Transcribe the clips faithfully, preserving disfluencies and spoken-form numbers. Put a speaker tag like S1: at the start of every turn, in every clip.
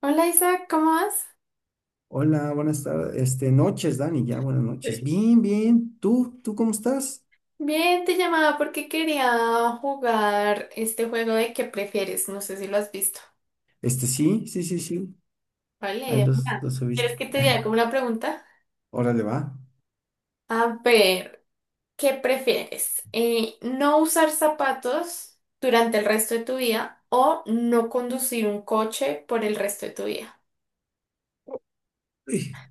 S1: Hola Isaac, ¿cómo vas?
S2: Hola, buenas tardes, este, noches, Dani, ya, buenas noches.
S1: Sí.
S2: Bien, bien. ¿Tú? ¿Tú cómo estás?
S1: Bien, te llamaba porque quería jugar este juego de qué prefieres. No sé si lo has visto.
S2: Este, sí, sí, sí, sí.
S1: Vale,
S2: Ahí
S1: de
S2: los,
S1: una.
S2: los he visto.
S1: ¿Quieres que te diga como una pregunta?
S2: Órale, va.
S1: A ver, ¿qué prefieres? Eh, ¿no usar zapatos durante el resto de tu vida o no conducir un coche por el resto de tu vida?
S2: Uy,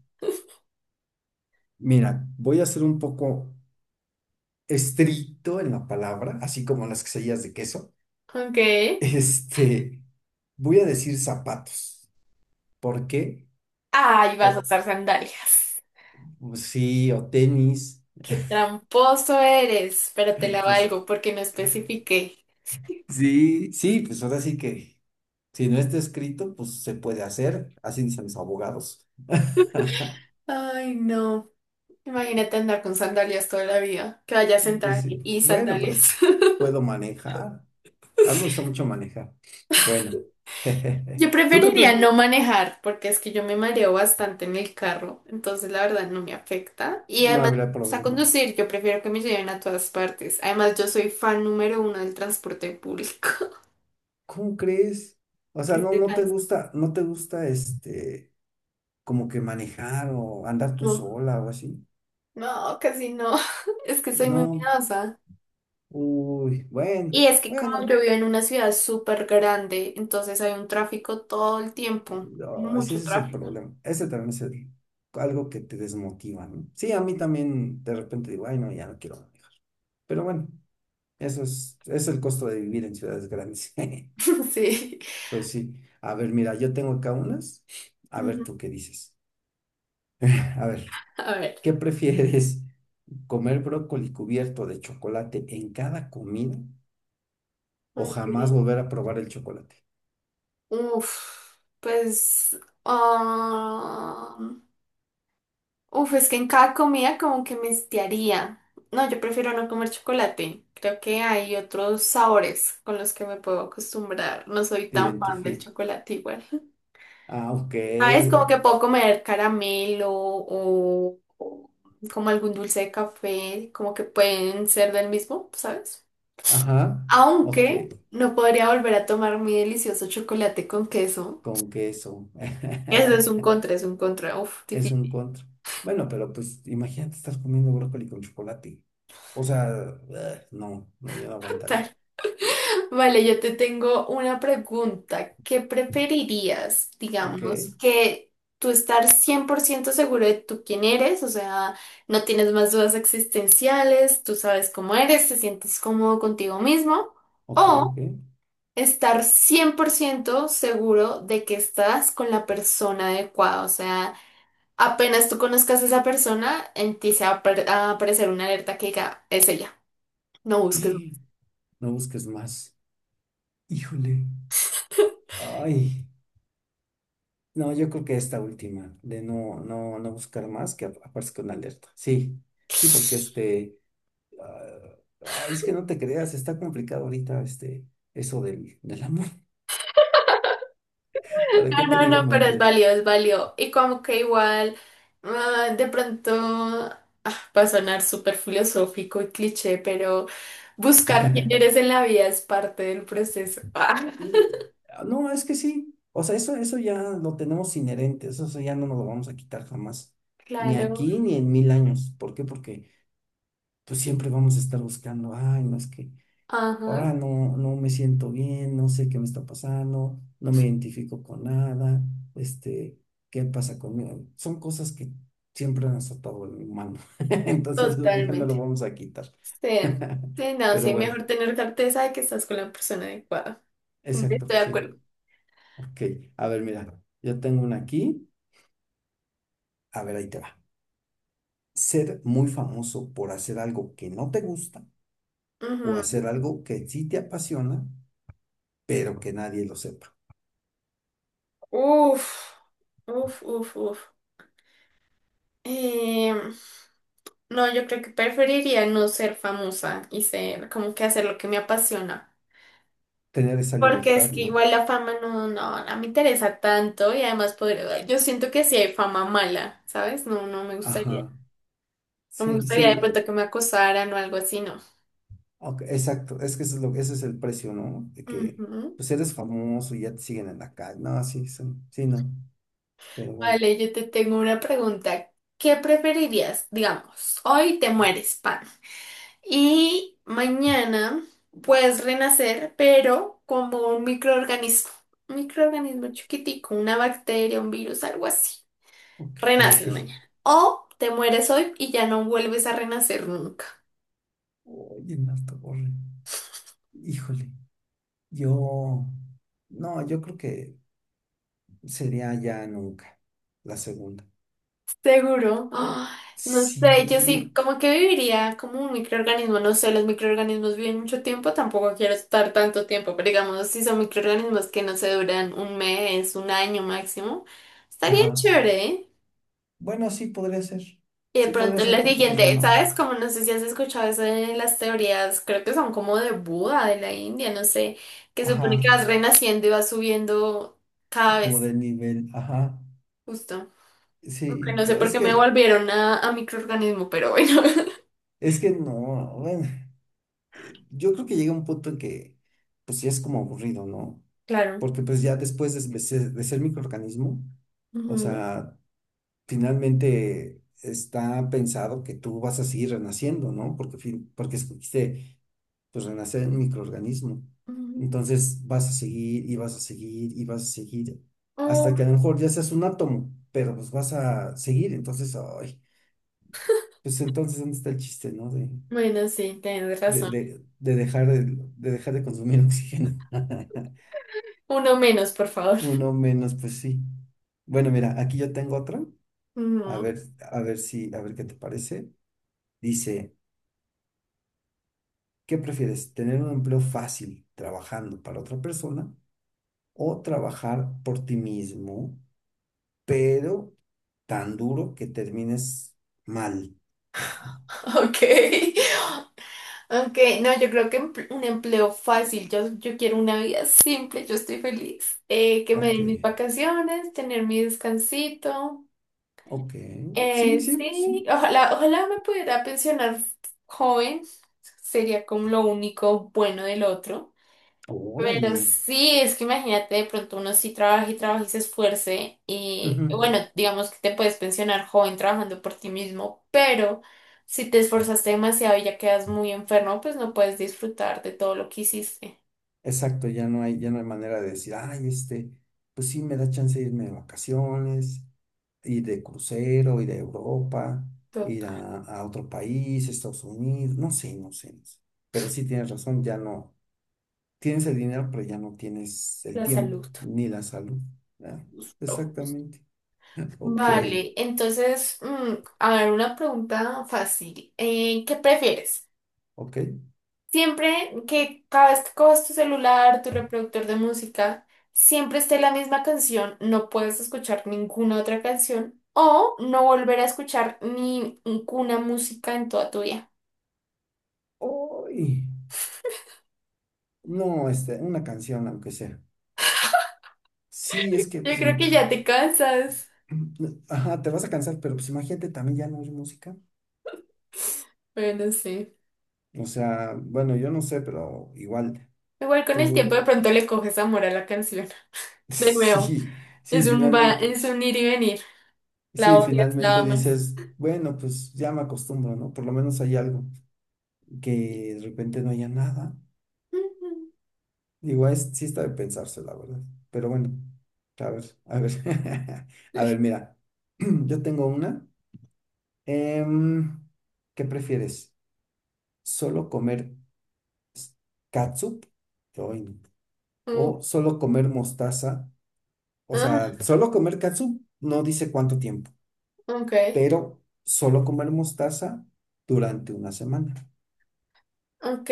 S2: mira, voy a ser un poco estricto en la palabra, así como las quesadillas de queso.
S1: Ok.
S2: Este, Voy a decir zapatos. ¿Por qué?
S1: Ay, vas a
S2: Por,
S1: usar sandalias.
S2: pues sí, o tenis.
S1: Qué tramposo eres, pero te la
S2: Pues
S1: valgo porque no especifiqué.
S2: sí, sí, pues ahora sí que, si no está escrito, pues se puede hacer, así dicen los abogados.
S1: Ay, no. Imagínate andar con sandalias toda la vida, que vaya
S2: Pues
S1: sentada
S2: sí,
S1: y
S2: bueno,
S1: sandalias.
S2: pero puedo manejar. A mí me gusta mucho manejar. Bueno,
S1: Yo
S2: ¿tú qué
S1: preferiría
S2: pref-
S1: no manejar, porque es que yo me mareo bastante en el carro, entonces la verdad no me afecta. Y
S2: no
S1: además,
S2: habrá
S1: a
S2: problema.
S1: conducir, yo prefiero que me lleven a todas partes. Además, yo soy fan número uno del transporte público.
S2: ¿Cómo crees? O sea,
S1: ¿Qué
S2: no,
S1: te
S2: no te
S1: pasa?
S2: gusta, no te gusta este, como que manejar o andar tú
S1: No,
S2: sola o así.
S1: no, casi no. Es que soy muy
S2: No,
S1: miedosa.
S2: uy, bueno,
S1: Y es que como
S2: bueno,
S1: yo vivo en una ciudad súper grande, entonces hay un tráfico todo el tiempo.
S2: no, sí,
S1: Mucho
S2: ese es el
S1: tráfico.
S2: problema. Ese también es el- Algo que te desmotiva, ¿no? Sí, a mí también de repente digo, ay, no, ya no quiero manejar. Pero bueno. Eso es, es el costo de vivir en ciudades grandes.
S1: Sí.
S2: Pues sí. A ver, mira, yo tengo acá unas. A ver,
S1: Ujú.
S2: tú qué dices. A ver,
S1: A ver.
S2: ¿qué prefieres? ¿Comer brócoli cubierto de chocolate en cada comida o jamás
S1: Ok.
S2: volver a probar el chocolate?
S1: Uf, pues. ah, uf, es que en cada comida como que me estiaría. No, yo prefiero no comer chocolate. Creo que hay otros sabores con los que me puedo acostumbrar. No soy
S2: Te
S1: tan fan del
S2: identifico.
S1: chocolate igual.
S2: Ah, ok.
S1: ¿Sabes? Como
S2: o-
S1: que puedo comer caramelo o, o como algún dulce de café, como que pueden ser del mismo, ¿sabes?
S2: ajá. Ok.
S1: Aunque no podría volver a tomar mi delicioso chocolate con queso.
S2: Con queso.
S1: Eso es un contra, es un contra. Uf,
S2: Es un
S1: difícil.
S2: contra. Bueno, pero pues imagínate, estás comiendo brócoli con chocolate. O sea, ugh, no, no, yo no aguantaría.
S1: Vale, yo te tengo una pregunta. ¿Qué preferirías,
S2: Ok,
S1: digamos, que tú estar cien por ciento seguro de tú quién eres? O sea, no tienes más dudas existenciales, tú sabes cómo eres, te sientes cómodo contigo mismo.
S2: ok,
S1: O
S2: ok.
S1: estar cien por ciento seguro de que estás con la persona adecuada. O sea, apenas tú conozcas a esa persona, en ti se va a apar- a aparecer una alerta que diga, es ella. No busques.
S2: Eh, No busques más. Híjole. Ay. No, yo creo que esta última, de no, no, no buscar más, que ap- aparezca una alerta. Sí, sí, porque este, ah, ay, es que no te creas, está complicado ahorita este, eso del, del amor. ¿Para qué
S1: No,
S2: te
S1: no, no,
S2: digo
S1: pero es
S2: mentiras?
S1: válido, es válido. Y como que igual, ah, de pronto va a sonar súper filosófico y cliché, pero buscar quién eres en la vida es parte del proceso. Ah,
S2: Ah, no, es que sí. O sea, eso, eso ya lo tenemos inherente, eso, eso ya no nos lo vamos a quitar jamás. Ni
S1: claro,
S2: aquí ni en mil años. ¿Por qué? Porque pues siempre vamos a estar buscando, ay, no es que
S1: ajá,
S2: ahora no, no me siento bien, no sé qué me está pasando, no me identifico con nada, este, ¿qué pasa conmigo? Son cosas que siempre han estado en el humano, entonces eso nunca nos lo
S1: totalmente.
S2: vamos a quitar.
S1: Sí, sí, no,
S2: Pero
S1: sí,
S2: bueno,
S1: mejor tener certeza de que estás con la persona adecuada. Estoy
S2: exacto,
S1: de
S2: sí.
S1: acuerdo.
S2: Ok, a ver, mira, yo tengo una aquí, a ver, ahí te va. Ser muy famoso por hacer algo que no te gusta o
S1: Ujú.
S2: hacer algo que sí te apasiona, pero que nadie lo sepa.
S1: Uf, uf, uf, uf. Eh, no, yo creo que preferiría no ser famosa y ser como que hacer lo que me apasiona.
S2: Tener esa
S1: Porque
S2: libertad,
S1: es que
S2: ¿no?
S1: igual la fama no, no, no me interesa tanto y además poder, yo siento que sí hay fama mala, ¿sabes? No, no me gustaría.
S2: Ajá,
S1: No me
S2: sí,
S1: gustaría de
S2: sí,
S1: pronto que me acosaran o algo así, no.
S2: ok, exacto, es que eso es lo, ese es el precio, ¿no? De que,
S1: Ujú.
S2: pues eres famoso y ya te siguen en la calle, no, sí, son- sí, no, pero bueno,
S1: Vale, yo te tengo una pregunta. ¿Qué preferirías? Digamos, hoy te mueres, pan. Y mañana puedes renacer, pero como un microorganismo. Un microorganismo chiquitico, una bacteria, un virus, algo así.
S2: ok,
S1: Renaces mañana. O te mueres hoy y ya no vuelves a renacer nunca.
S2: oye, Marta Borre, híjole, yo, no, yo creo que sería ya nunca, la segunda,
S1: Seguro. Ah, no sé, yo
S2: sí,
S1: sí, como que viviría como un microorganismo. No sé, los microorganismos viven mucho tiempo, tampoco quiero estar tanto tiempo, pero digamos, si son microorganismos que no se duran un mes, un año máximo, estaría
S2: ajá,
S1: chévere, ¿eh?
S2: bueno, sí podría ser,
S1: Y de
S2: sí podría
S1: pronto en
S2: ser
S1: la
S2: porque pues ya
S1: siguiente,
S2: no,
S1: ¿sabes? Como no sé si has escuchado eso de las teorías, creo que son como de Buda, de la India, no sé, que supone que
S2: ajá,
S1: vas renaciendo y vas subiendo cada
S2: como
S1: vez,
S2: de nivel, ajá.
S1: justo. Aunque
S2: Sí,
S1: no sé
S2: no,
S1: por
S2: es
S1: qué me
S2: que,
S1: volvieron a, a microorganismo, pero bueno.
S2: es que no, bueno, eh, yo creo que llega un punto en que, pues ya es como aburrido, ¿no?
S1: Claro.
S2: Porque pues ya después de, de ser, de ser microorganismo, o
S1: Ujú,
S2: sea, finalmente está pensado que tú vas a seguir renaciendo, ¿no? Porque, fin- porque escogiste, pues, renacer en microorganismo.
S1: ujú.
S2: Entonces vas a seguir y vas a seguir y vas a seguir, hasta
S1: Oh,
S2: que a lo mejor ya seas un átomo, pero pues vas a seguir, entonces, ay, pues entonces, ¿dónde está el chiste, ¿no?
S1: bueno, sí, tienes
S2: de,
S1: razón.
S2: de- de dejar de, de dejar de consumir oxígeno.
S1: Uno menos, por favor.
S2: Uno menos, pues sí. Bueno, mira, aquí yo tengo otra. A
S1: Ujú.
S2: ver, a ver si, a ver qué te parece. Dice, ¿qué prefieres? ¿Tener un empleo fácil trabajando para otra persona o trabajar por ti mismo, pero tan duro que termines mal?
S1: Ok. Aunque, no, yo creo que empl- un empleo fácil, yo, yo quiero una vida simple, yo estoy feliz. Eh, que me
S2: Ok,
S1: den mis vacaciones, tener mi descansito.
S2: ok. Sí,
S1: Eh,
S2: sí,
S1: sí,
S2: sí.
S1: ojalá, ojalá me pudiera pensionar joven, sería como lo único bueno del otro. Pero
S2: Órale.
S1: sí, es que imagínate, de pronto uno sí trabaja y trabaja y se esfuerce y
S2: Ujú.
S1: bueno, digamos que te puedes pensionar joven trabajando por ti mismo, pero si te esforzaste demasiado y ya quedas muy enfermo, pues no puedes disfrutar de todo lo que hiciste,
S2: Exacto, ya no hay, ya no hay manera de decir, ay, este, pues sí, me da chance de irme de vacaciones, ir de crucero, ir a Europa,
S1: todo,
S2: ir a, a otro país, Estados Unidos, no sé, no sé, no sé. Pero sí tienes razón, ya no, tienes el dinero, pero ya no tienes el
S1: la
S2: tiempo,
S1: salud.
S2: ni la salud, ¿verdad?
S1: Todo.
S2: Exactamente. Ok,
S1: Vale, entonces, mm, a ver, una pregunta fácil. Eh, ¿qué prefieres?
S2: ok.
S1: Siempre que cada vez que coges tu celular, tu reproductor de música, siempre esté la misma canción, no puedes escuchar ninguna otra canción o no volver a escuchar ni ninguna música en toda tu vida.
S2: Uy, no, este, una canción, aunque sea. Sí, es que,
S1: Yo
S2: pues,
S1: creo
S2: ima-
S1: que ya te cansas.
S2: ajá, te vas a cansar, pero pues imagínate también ya no oír música.
S1: Bueno, sí.
S2: O sea, bueno, yo no sé, pero igual
S1: Igual con el tiempo
S2: tú,
S1: de pronto le coges amor a la canción. De nuevo,
S2: sí, sí,
S1: es un va,
S2: finalmente,
S1: es un ir y venir. La
S2: sí,
S1: odias, la
S2: finalmente
S1: amas.
S2: dices, bueno, pues ya me acostumbro, ¿no? Por lo menos hay algo, que de repente no haya nada. Igual es, sí está de pensarse, la verdad. Pero bueno, a ver, a ver, a ver,
S1: Sí.
S2: mira, yo tengo una. Em, ¿qué prefieres? ¿Solo comer s- catsup? Ay, no.
S1: Uh,
S2: ¿O solo comer mostaza? O sea,
S1: ah,
S2: solo comer katsu no dice cuánto tiempo,
S1: ok.
S2: pero solo comer mostaza durante una semana.
S1: Ok,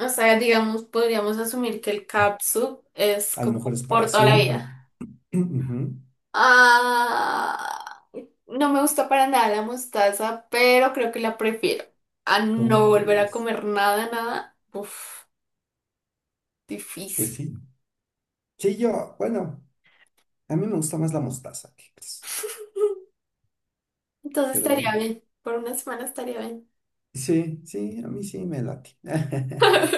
S1: o sea, digamos, podríamos asumir que el capsu es
S2: A lo mejor
S1: como
S2: es para
S1: por toda la vida.
S2: siempre. Ujú.
S1: Ah, no me gusta para nada la mostaza, pero creo que la prefiero a no
S2: ¿Cómo
S1: volver a
S2: crees?
S1: comer nada, nada. Uf,
S2: Pues
S1: difícil.
S2: sí. Sí, yo, bueno, a mí me gusta más la mostaza que pues,
S1: Entonces
S2: pero bueno.
S1: estaría bien, por una semana estaría bien.
S2: Sí, sí, a mí sí me late.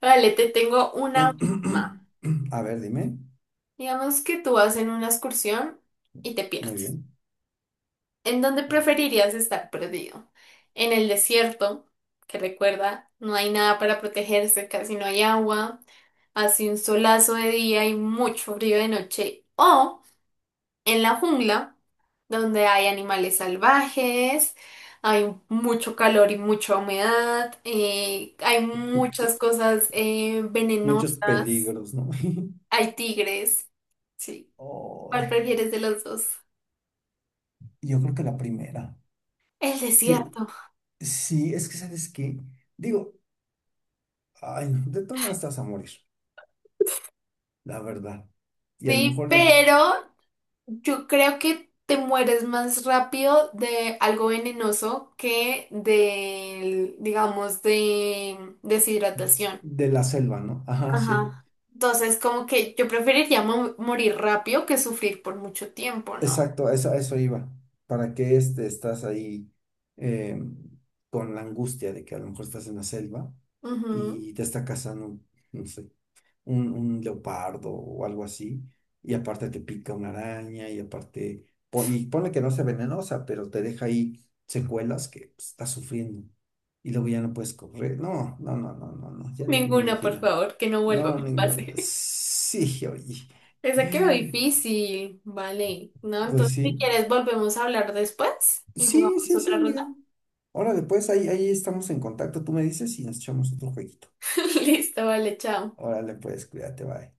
S1: Vale, te tengo una última.
S2: A ver, dime.
S1: Digamos que tú vas en una excursión y te
S2: Muy
S1: pierdes.
S2: bien.
S1: ¿En dónde preferirías estar perdido? ¿En el desierto? Que recuerda, no hay nada para protegerse, casi no hay agua, hace un solazo de día y mucho frío de noche. ¿O en la jungla, donde hay animales salvajes, hay mucho calor y mucha humedad, eh, hay muchas cosas eh,
S2: Muchos
S1: venenosas,
S2: peligros, ¿no?
S1: hay tigres? Sí.
S2: Oh,
S1: ¿Cuál prefieres de los dos?
S2: yo creo que la primera.
S1: El
S2: Sí,
S1: desierto.
S2: sí, es que, ¿sabes que digo, ay, no, de todo estás a morir, la verdad. Y a lo
S1: Sí,
S2: mejor
S1: pero yo creo que te mueres más rápido de algo venenoso que de, digamos, de deshidratación.
S2: de la selva, ¿no? Ajá, sí.
S1: Ajá. Entonces, como que yo preferiría mo- morir rápido que sufrir por mucho tiempo, ¿no?
S2: Exacto, a eso, a eso iba. ¿Para qué este, estás ahí eh, con la angustia de que a lo mejor estás en la selva
S1: Ujú.
S2: y te está cazando, no sé, un, un leopardo o algo así, y aparte te pica una araña, y aparte, po- y ponle que no sea venenosa, pero te deja ahí secuelas que pues, estás sufriendo, y luego ya no puedes correr. No, no, no, no, no, no, ya ni me
S1: Ninguna, por
S2: imagino.
S1: favor, que no vuelva a
S2: No, ninguna.
S1: pase.
S2: Sí, oye.
S1: Esa quedó difícil, vale. No,
S2: Pues
S1: entonces si
S2: sí.
S1: quieres volvemos a hablar después y
S2: Sí,
S1: jugamos
S2: sí, sí,
S1: otra
S2: amiga.
S1: ronda.
S2: Órale, pues ahí, ahí estamos en contacto. Tú me dices y nos echamos otro jueguito.
S1: Listo, vale, chao.
S2: Órale, pues, cuídate, bye.